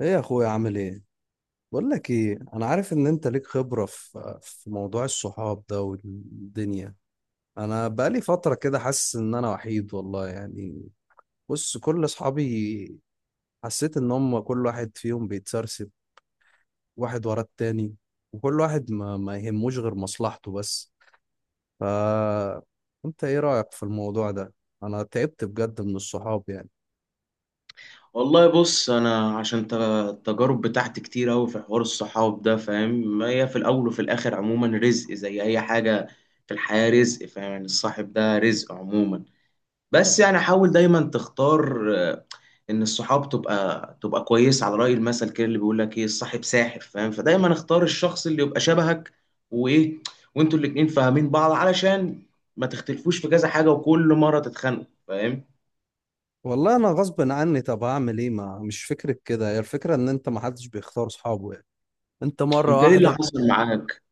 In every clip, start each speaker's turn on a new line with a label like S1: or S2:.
S1: ايه يا اخويا، عامل ايه؟ بقول لك ايه، انا عارف ان انت ليك خبرة في موضوع الصحاب ده والدنيا. انا بقالي فترة كده حاسس ان انا وحيد والله يعني. بص، كل اصحابي حسيت ان هم كل واحد فيهم بيتسرسب واحد ورا التاني. وكل واحد ما يهموش غير مصلحته بس. ف انت ايه رأيك في الموضوع ده؟ انا تعبت بجد من الصحاب يعني.
S2: والله بص انا عشان التجارب بتاعتي كتير اوي في حوار الصحاب ده فاهم. هي في الاول وفي الاخر عموما رزق زي اي حاجه في الحياه، رزق فاهم. يعني الصاحب ده رزق عموما. بس يعني حاول دايما تختار ان الصحاب تبقى كويس، على راي المثل كده اللي بيقول لك ايه، الصاحب ساحر فاهم. فدايما اختار الشخص اللي يبقى شبهك وايه، وانتوا الاتنين فاهمين بعض علشان ما تختلفوش في كذا حاجه وكل مره تتخانقوا فاهم.
S1: والله انا غصب عني، طب هعمل ايه؟ ما مش فكرة كده، هي الفكرة ان انت ما حدش بيختار صحابه. انت مرة
S2: انت ايه
S1: واحدة
S2: اللي حصل معاك؟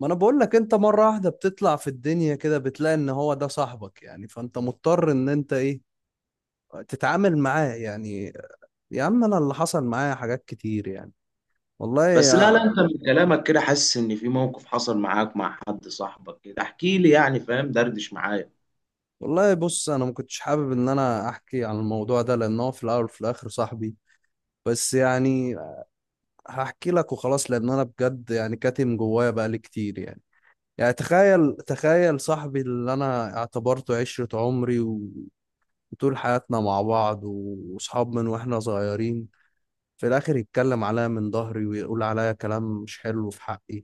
S1: ما انا بقول لك، انت مرة واحدة بتطلع في الدنيا كده بتلاقي ان هو ده صاحبك، يعني فانت مضطر ان انت ايه تتعامل معاه يعني. يا عم، انا اللي حصل معايا حاجات كتير يعني. والله
S2: بس لا لا،
S1: يا.
S2: انت من كلامك كده حاسس ان في موقف حصل معاك مع حد صاحبك كده، احكي لي يعني فاهم، دردش معايا.
S1: والله بص، انا ما كنتش حابب ان انا احكي عن الموضوع ده لان هو في الاول وفي الاخر صاحبي. بس يعني هحكي لك وخلاص، لان انا بجد يعني كاتم جوايا بقالي كتير يعني. يعني تخيل، تخيل صاحبي اللي انا اعتبرته عشرة عمري، طول حياتنا مع بعض وصحاب من واحنا صغيرين، في الاخر يتكلم عليا من ظهري ويقول عليا كلام مش حلو في حقي.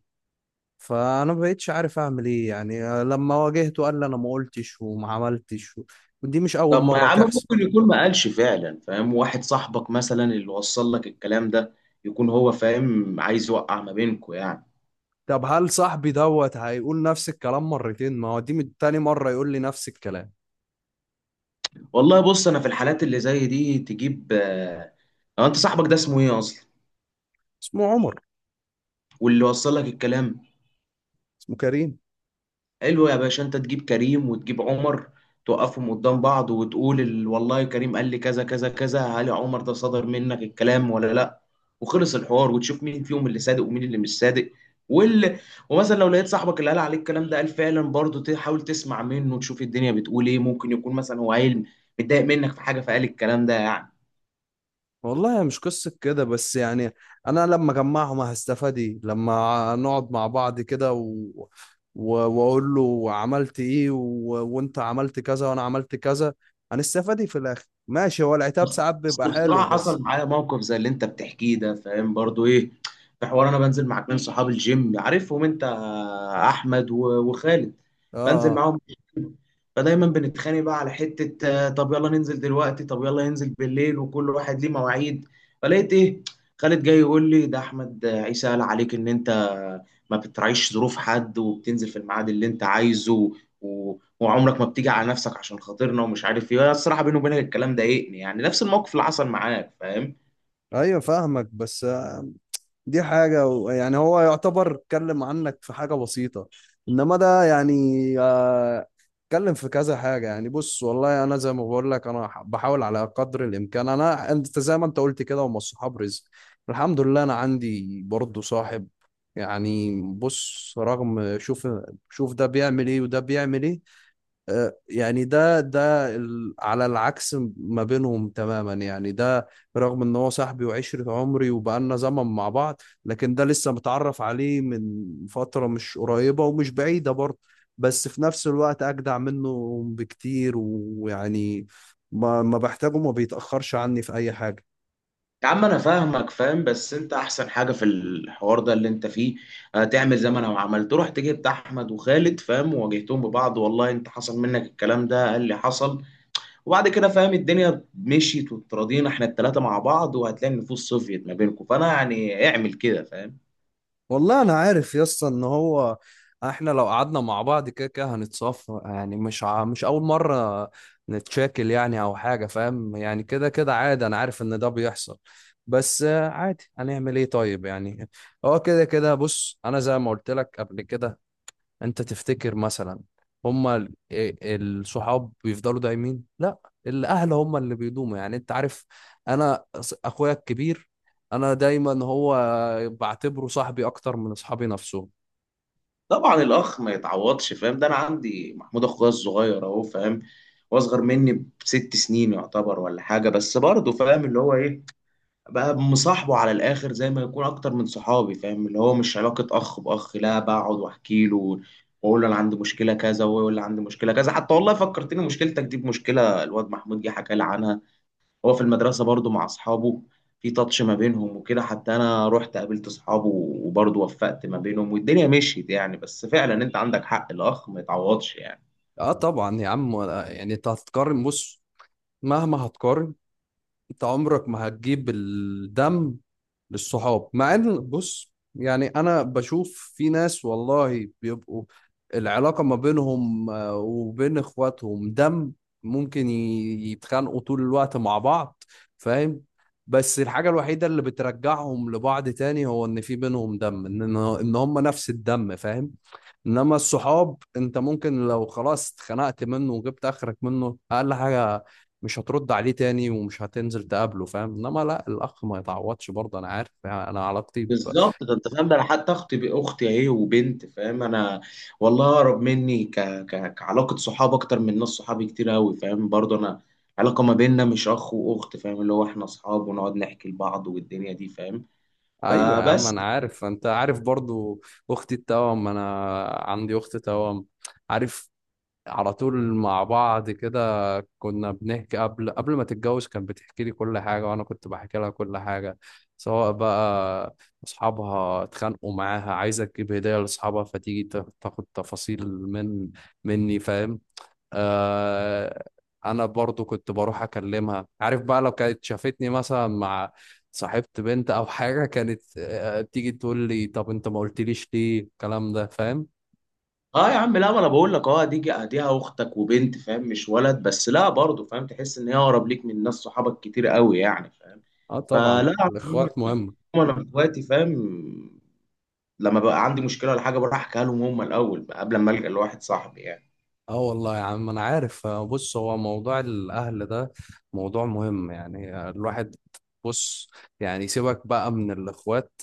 S1: فانا ما بقتش عارف اعمل ايه يعني، لما واجهته قال لي انا ما قلتش وما عملتش ودي مش اول
S2: طب ما يا
S1: مرة
S2: عم،
S1: تحصل.
S2: ممكن يكون ما قالش فعلا فاهم. واحد صاحبك مثلا اللي وصل لك الكلام ده يكون هو فاهم عايز يوقع ما بينكوا يعني.
S1: طب هل صاحبي دوت هيقول نفس الكلام مرتين؟ ما هو دي من تاني مرة يقول لي نفس الكلام.
S2: والله بص، انا في الحالات اللي زي دي تجيب هو انت صاحبك ده اسمه ايه اصلا؟
S1: اسمه عمر.
S2: واللي وصل لك الكلام؟
S1: اسمه كريم.
S2: حلو يا باشا، انت تجيب كريم وتجيب عمر، توقفهم قدام بعض وتقول والله كريم قال لي كذا كذا كذا، هل يا عمر ده صدر منك الكلام ولا لا؟ وخلص الحوار، وتشوف مين فيهم اللي صادق ومين اللي مش صادق. وال... ومثلا لو لقيت صاحبك اللي قال عليك الكلام ده قال فعلا، برضه تحاول تسمع منه وتشوف الدنيا بتقول ايه. ممكن يكون مثلا هو عيل متضايق منك في حاجه فقال الكلام ده يعني.
S1: والله هي مش قصة كده بس يعني، أنا لما أجمعهم هستفاد إيه؟ لما نقعد مع بعض كده و... وأقول له عملت إيه وأنت عملت كذا وأنا عملت كذا، هنستفاد إيه في الآخر؟ ماشي، هو العتاب
S2: بس
S1: ساعات بيبقى حلو،
S2: بصراحة
S1: بس.
S2: حصل معايا موقف زي اللي انت بتحكيه ده، فاهم برضو ايه، في حوار انا بنزل مع اتنين صحاب الجيم عارفهم انت، احمد وخالد.
S1: آه،
S2: بنزل
S1: آه.
S2: معاهم، فدايما بنتخانق بقى على حتة طب يلا ننزل دلوقتي، طب يلا ننزل بالليل، وكل واحد ليه مواعيد. فلقيت ايه، خالد جاي يقول لي ده احمد عيسى قال عليك ان انت ما بتراعيش ظروف حد وبتنزل في الميعاد اللي انت عايزه، وعمرك ما بتيجي على نفسك عشان خاطرنا ومش عارف ايه. أنا الصراحة بيني وبينك الكلام ضايقني يعني، نفس الموقف اللي حصل معاك فاهم.
S1: أيوه، فاهمك، بس دي حاجة يعني هو يعتبر اتكلم عنك في حاجة بسيطة، انما ده يعني آه، اتكلم في كذا حاجة. يعني بص والله انا زي ما بقول لك انا بحاول على قدر الامكان. انا انت زي ما انت قلت كده هم الصحاب رزق. الحمد لله انا عندي برضو صاحب. يعني بص، رغم، شوف، شوف ده بيعمل ايه وده بيعمل ايه. يعني ده على العكس ما بينهم تماما يعني. ده رغم ان هو صاحبي وعشرة عمري وبقالنا زمن مع بعض، لكن ده لسه متعرف عليه من فترة مش قريبة ومش بعيدة برضه، بس في نفس الوقت اجدع منه بكتير ويعني ما بحتاجه ما بيتأخرش عني في اي حاجة.
S2: يا عم انا فاهمك فاهم، بس انت احسن حاجه في الحوار ده اللي انت فيه تعمل زي ما انا عملت، رحت جبت احمد وخالد فاهم وواجهتهم ببعض، والله انت حصل منك الكلام ده؟ قال لي حصل. وبعد كده فاهم الدنيا مشيت وتراضينا احنا الثلاثه مع بعض، وهتلاقي النفوس صفيت ما بينكم. فانا يعني اعمل كده فاهم.
S1: والله انا عارف يا اسطى ان هو، احنا لو قعدنا مع بعض كده كده هنتصافى يعني، مش اول مره نتشاكل يعني او حاجه، فاهم. يعني كده كده عادي، انا عارف ان ده بيحصل. بس عادي، هنعمل ايه طيب يعني؟ هو كده كده. بص، انا زي ما قلت لك قبل كده، انت تفتكر مثلا هما الصحاب بيفضلوا دايمين؟ لا، الاهل هما اللي بيدوموا يعني، انت عارف. انا اخويا الكبير، انا دايما هو بعتبره صاحبي اكتر من اصحابي نفسهم.
S2: طبعا الاخ ما يتعوضش فاهم، ده انا عندي محمود اخويا الصغير اهو فاهم، واصغر مني ب6 سنين يعتبر ولا حاجه، بس برضه فاهم اللي هو ايه، بقى مصاحبه على الاخر زي ما يكون اكتر من صحابي فاهم، اللي هو مش علاقه اخ باخ، لا بقعد واحكي له واقول له انا عندي مشكله كذا وهو يقول لي عندي مشكله كذا. حتى والله فكرتني مشكلتك دي بمشكله الواد محمود، جه حكى لي عنها، هو في المدرسه برضه مع اصحابه في تاتش ما بينهم وكده، حتى انا رحت قابلت اصحابه وبرضه وفقت ما بينهم والدنيا مشيت يعني. بس فعلا انت عندك حق، الاخ ما يتعوضش يعني.
S1: اه طبعا يا عم. يعني انت هتقارن، بص، مهما هتقارن انت عمرك ما هتجيب الدم للصحاب. مع ان بص، يعني انا بشوف في ناس والله بيبقوا العلاقة ما بينهم وبين اخواتهم دم، ممكن يتخانقوا طول الوقت مع بعض، فاهم. بس الحاجة الوحيدة اللي بترجعهم لبعض تاني هو ان في بينهم دم، ان ان هم نفس الدم، فاهم. انما الصحاب، انت ممكن لو خلاص اتخنقت منه وجبت اخرك منه، اقل حاجه مش هترد عليه تاني ومش هتنزل تقابله، فاهم. انما لا، الاخ ما يتعوضش برضه، انا عارف يعني انا علاقتي.
S2: بالظبط، ده انت فاهم، ده انا حتى اختي، باختي اهي وبنت فاهم، انا والله اقرب مني كعلاقه صحاب اكتر من ناس صحابي كتير قوي فاهم، برضه انا علاقه ما بيننا مش اخ واخت فاهم، اللي هو احنا اصحاب ونقعد نحكي لبعض والدنيا دي فاهم.
S1: ايوه يا عم،
S2: فبس.
S1: انا عارف، انت عارف برضه. اختي التوأم، انا عندي اخت توأم، عارف، على طول مع بعض كده، كنا بنحكي قبل ما تتجوز كانت بتحكي لي كل حاجة وأنا كنت بحكي لها كل حاجة، سواء بقى أصحابها اتخانقوا معاها، عايزة تجيب هدية لأصحابها فتيجي تاخد تفاصيل من مني، فاهم. آه. أنا برضو كنت بروح أكلمها، عارف بقى لو كانت شافتني مثلا مع صاحبت بنت أو حاجة، كانت تيجي تقول لي طب أنت ما قلتليش ليه الكلام ده، فاهم.
S2: اه يا عم، لا ما انا بقول لك اه، ديها اختك وبنت فاهم، مش ولد، بس لا برضه فاهم تحس ان هي اقرب ليك من ناس صحابك كتير قوي يعني فاهم.
S1: اه طبعا،
S2: فلا يا عم،
S1: الاخوات مهم.
S2: انا اخواتي فاهم، لما بقى عندي مشكله ولا حاجه بروح احكيها لهم هم الاول قبل ما الجا لواحد صاحبي يعني.
S1: اه والله يا عم انا عارف. بص، هو موضوع الاهل ده موضوع مهم يعني. الواحد، بص، يعني سيبك بقى من الاخوات.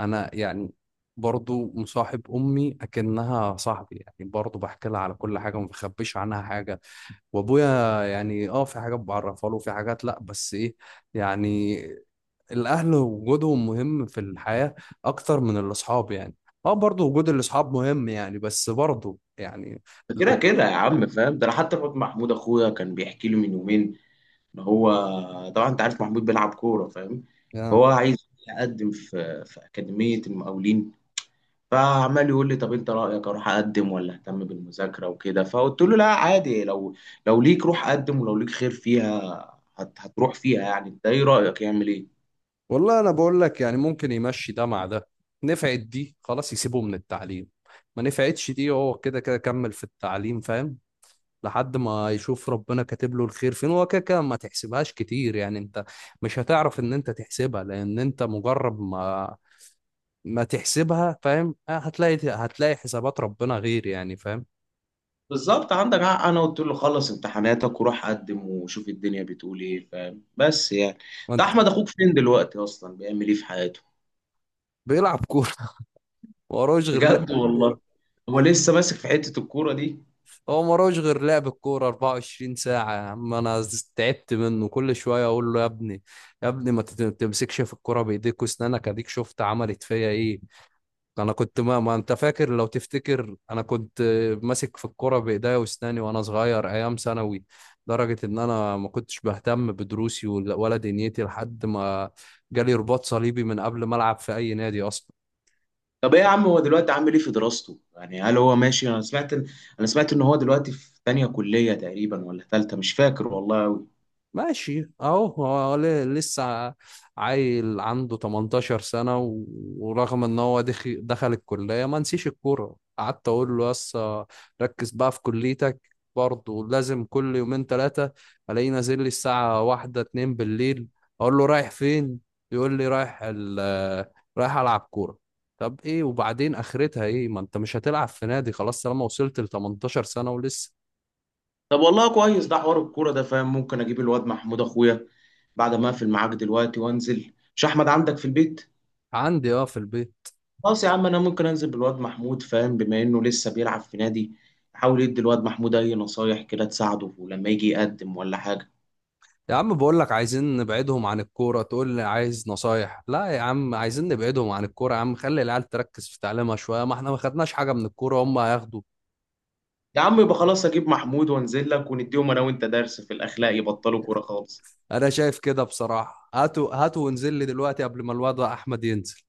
S1: انا يعني برضو مصاحب امي اكنها صاحبي، يعني برضو بحكي لها على كل حاجه وما بخبيش عنها حاجه. وابويا يعني اه، في حاجات بعرفها له في حاجات لا، بس ايه يعني، الاهل وجودهم مهم في الحياه اكتر من الاصحاب يعني. اه برضو وجود الاصحاب مهم يعني، بس برضو يعني
S2: فكده
S1: لو.
S2: كده يا عم فاهم، ده انا حتى الواد محمود اخويا كان بيحكي لي من يومين ان هو، طبعا انت عارف محمود بيلعب كوره فاهم، فهو عايز يقدم في اكاديميه المقاولين. فعمال يقول لي طب انت رايك اروح اقدم ولا اهتم بالمذاكره وكده، فقلت له لا عادي، لو ليك روح قدم، ولو ليك خير فيها هتروح فيها يعني. انت ايه رايك يعمل ايه؟
S1: والله انا بقول لك يعني، ممكن يمشي ده مع ده. نفعت دي خلاص يسيبه من التعليم، ما نفعتش دي هو كده كده كمل في التعليم، فاهم. لحد ما يشوف ربنا كاتب له الخير فين، هو كده كده ما تحسبهاش كتير يعني، انت مش هتعرف ان انت تحسبها لان انت مجرد ما ما تحسبها، فاهم. هتلاقي حسابات ربنا غير يعني، فاهم.
S2: بالظبط عندك حق، انا قلت له خلص امتحاناتك وروح قدم وشوف الدنيا بتقول ايه فاهم، بس يعني ده
S1: وانت.
S2: احمد اخوك فين دلوقتي اصلا بيعمل ايه في حياته؟
S1: بيلعب كوره. ما وراهوش غير لعب.
S2: بجد والله، هو لسه ماسك في حتة الكورة دي؟
S1: هو ملوش غير لعب الكورة 24 ساعة. يا عم أنا تعبت منه، كل شوية أقول له يا ابني، يا ابني ما تمسكش في الكورة بإيديك وأسنانك، أديك شفت عملت فيا إيه. أنا كنت ما أنت فاكر؟ لو تفتكر أنا كنت ماسك في الكورة بإيديا وأسناني وأنا صغير أيام ثانوي، لدرجة إن أنا ما كنتش بهتم بدروسي ولا دنيتي لحد ما جالي رباط صليبي من قبل ما ألعب في أي نادي أصلا.
S2: طب ايه يا عم، هو دلوقتي عامل ايه في دراسته يعني؟ هل هو ماشي؟ انا سمعت ان هو دلوقتي في تانية كلية تقريبا ولا تالتة مش فاكر والله قوي.
S1: ماشي اهو، هو لسه عيل عنده 18 سنة ورغم ان هو دخل الكلية ما نسيش الكورة، قعدت اقول له يس ركز بقى في كليتك، برضه لازم كل يومين ثلاثة الاقيه نازل لي الساعة واحدة اتنين بالليل. اقول له رايح فين؟ يقول لي رايح رايح العب كورة. طب ايه وبعدين اخرتها ايه؟ ما انت مش هتلعب في نادي خلاص طالما وصلت ل 18 سنة ولسه.
S2: طب والله كويس ده حوار الكورة ده فاهم، ممكن اجيب الواد محمود اخويا بعد ما اقفل معاك دلوقتي وانزل. مش احمد عندك في البيت؟
S1: عندي اه، في البيت.
S2: خلاص يا عم، انا ممكن انزل بالواد محمود فاهم بما انه لسه بيلعب في نادي، احاول ادي الواد محمود اي نصايح كده تساعده ولما يجي يقدم ولا حاجه.
S1: يا عم بقول لك عايزين نبعدهم عن الكورة، تقول لي عايز نصايح؟ لا يا عم عايزين نبعدهم عن الكورة، يا عم خلي العيال تركز في تعليمها شوية، ما احنا ما خدناش حاجة من الكورة هم هياخدوا.
S2: يا عم يبقى خلاص، اجيب محمود وانزل لك، ونديهم انا وانت درس في الاخلاق يبطلوا كوره خالص.
S1: انا شايف كده بصراحة، هاتوا هاتوا وانزل لي دلوقتي قبل ما الواد احمد ينزل.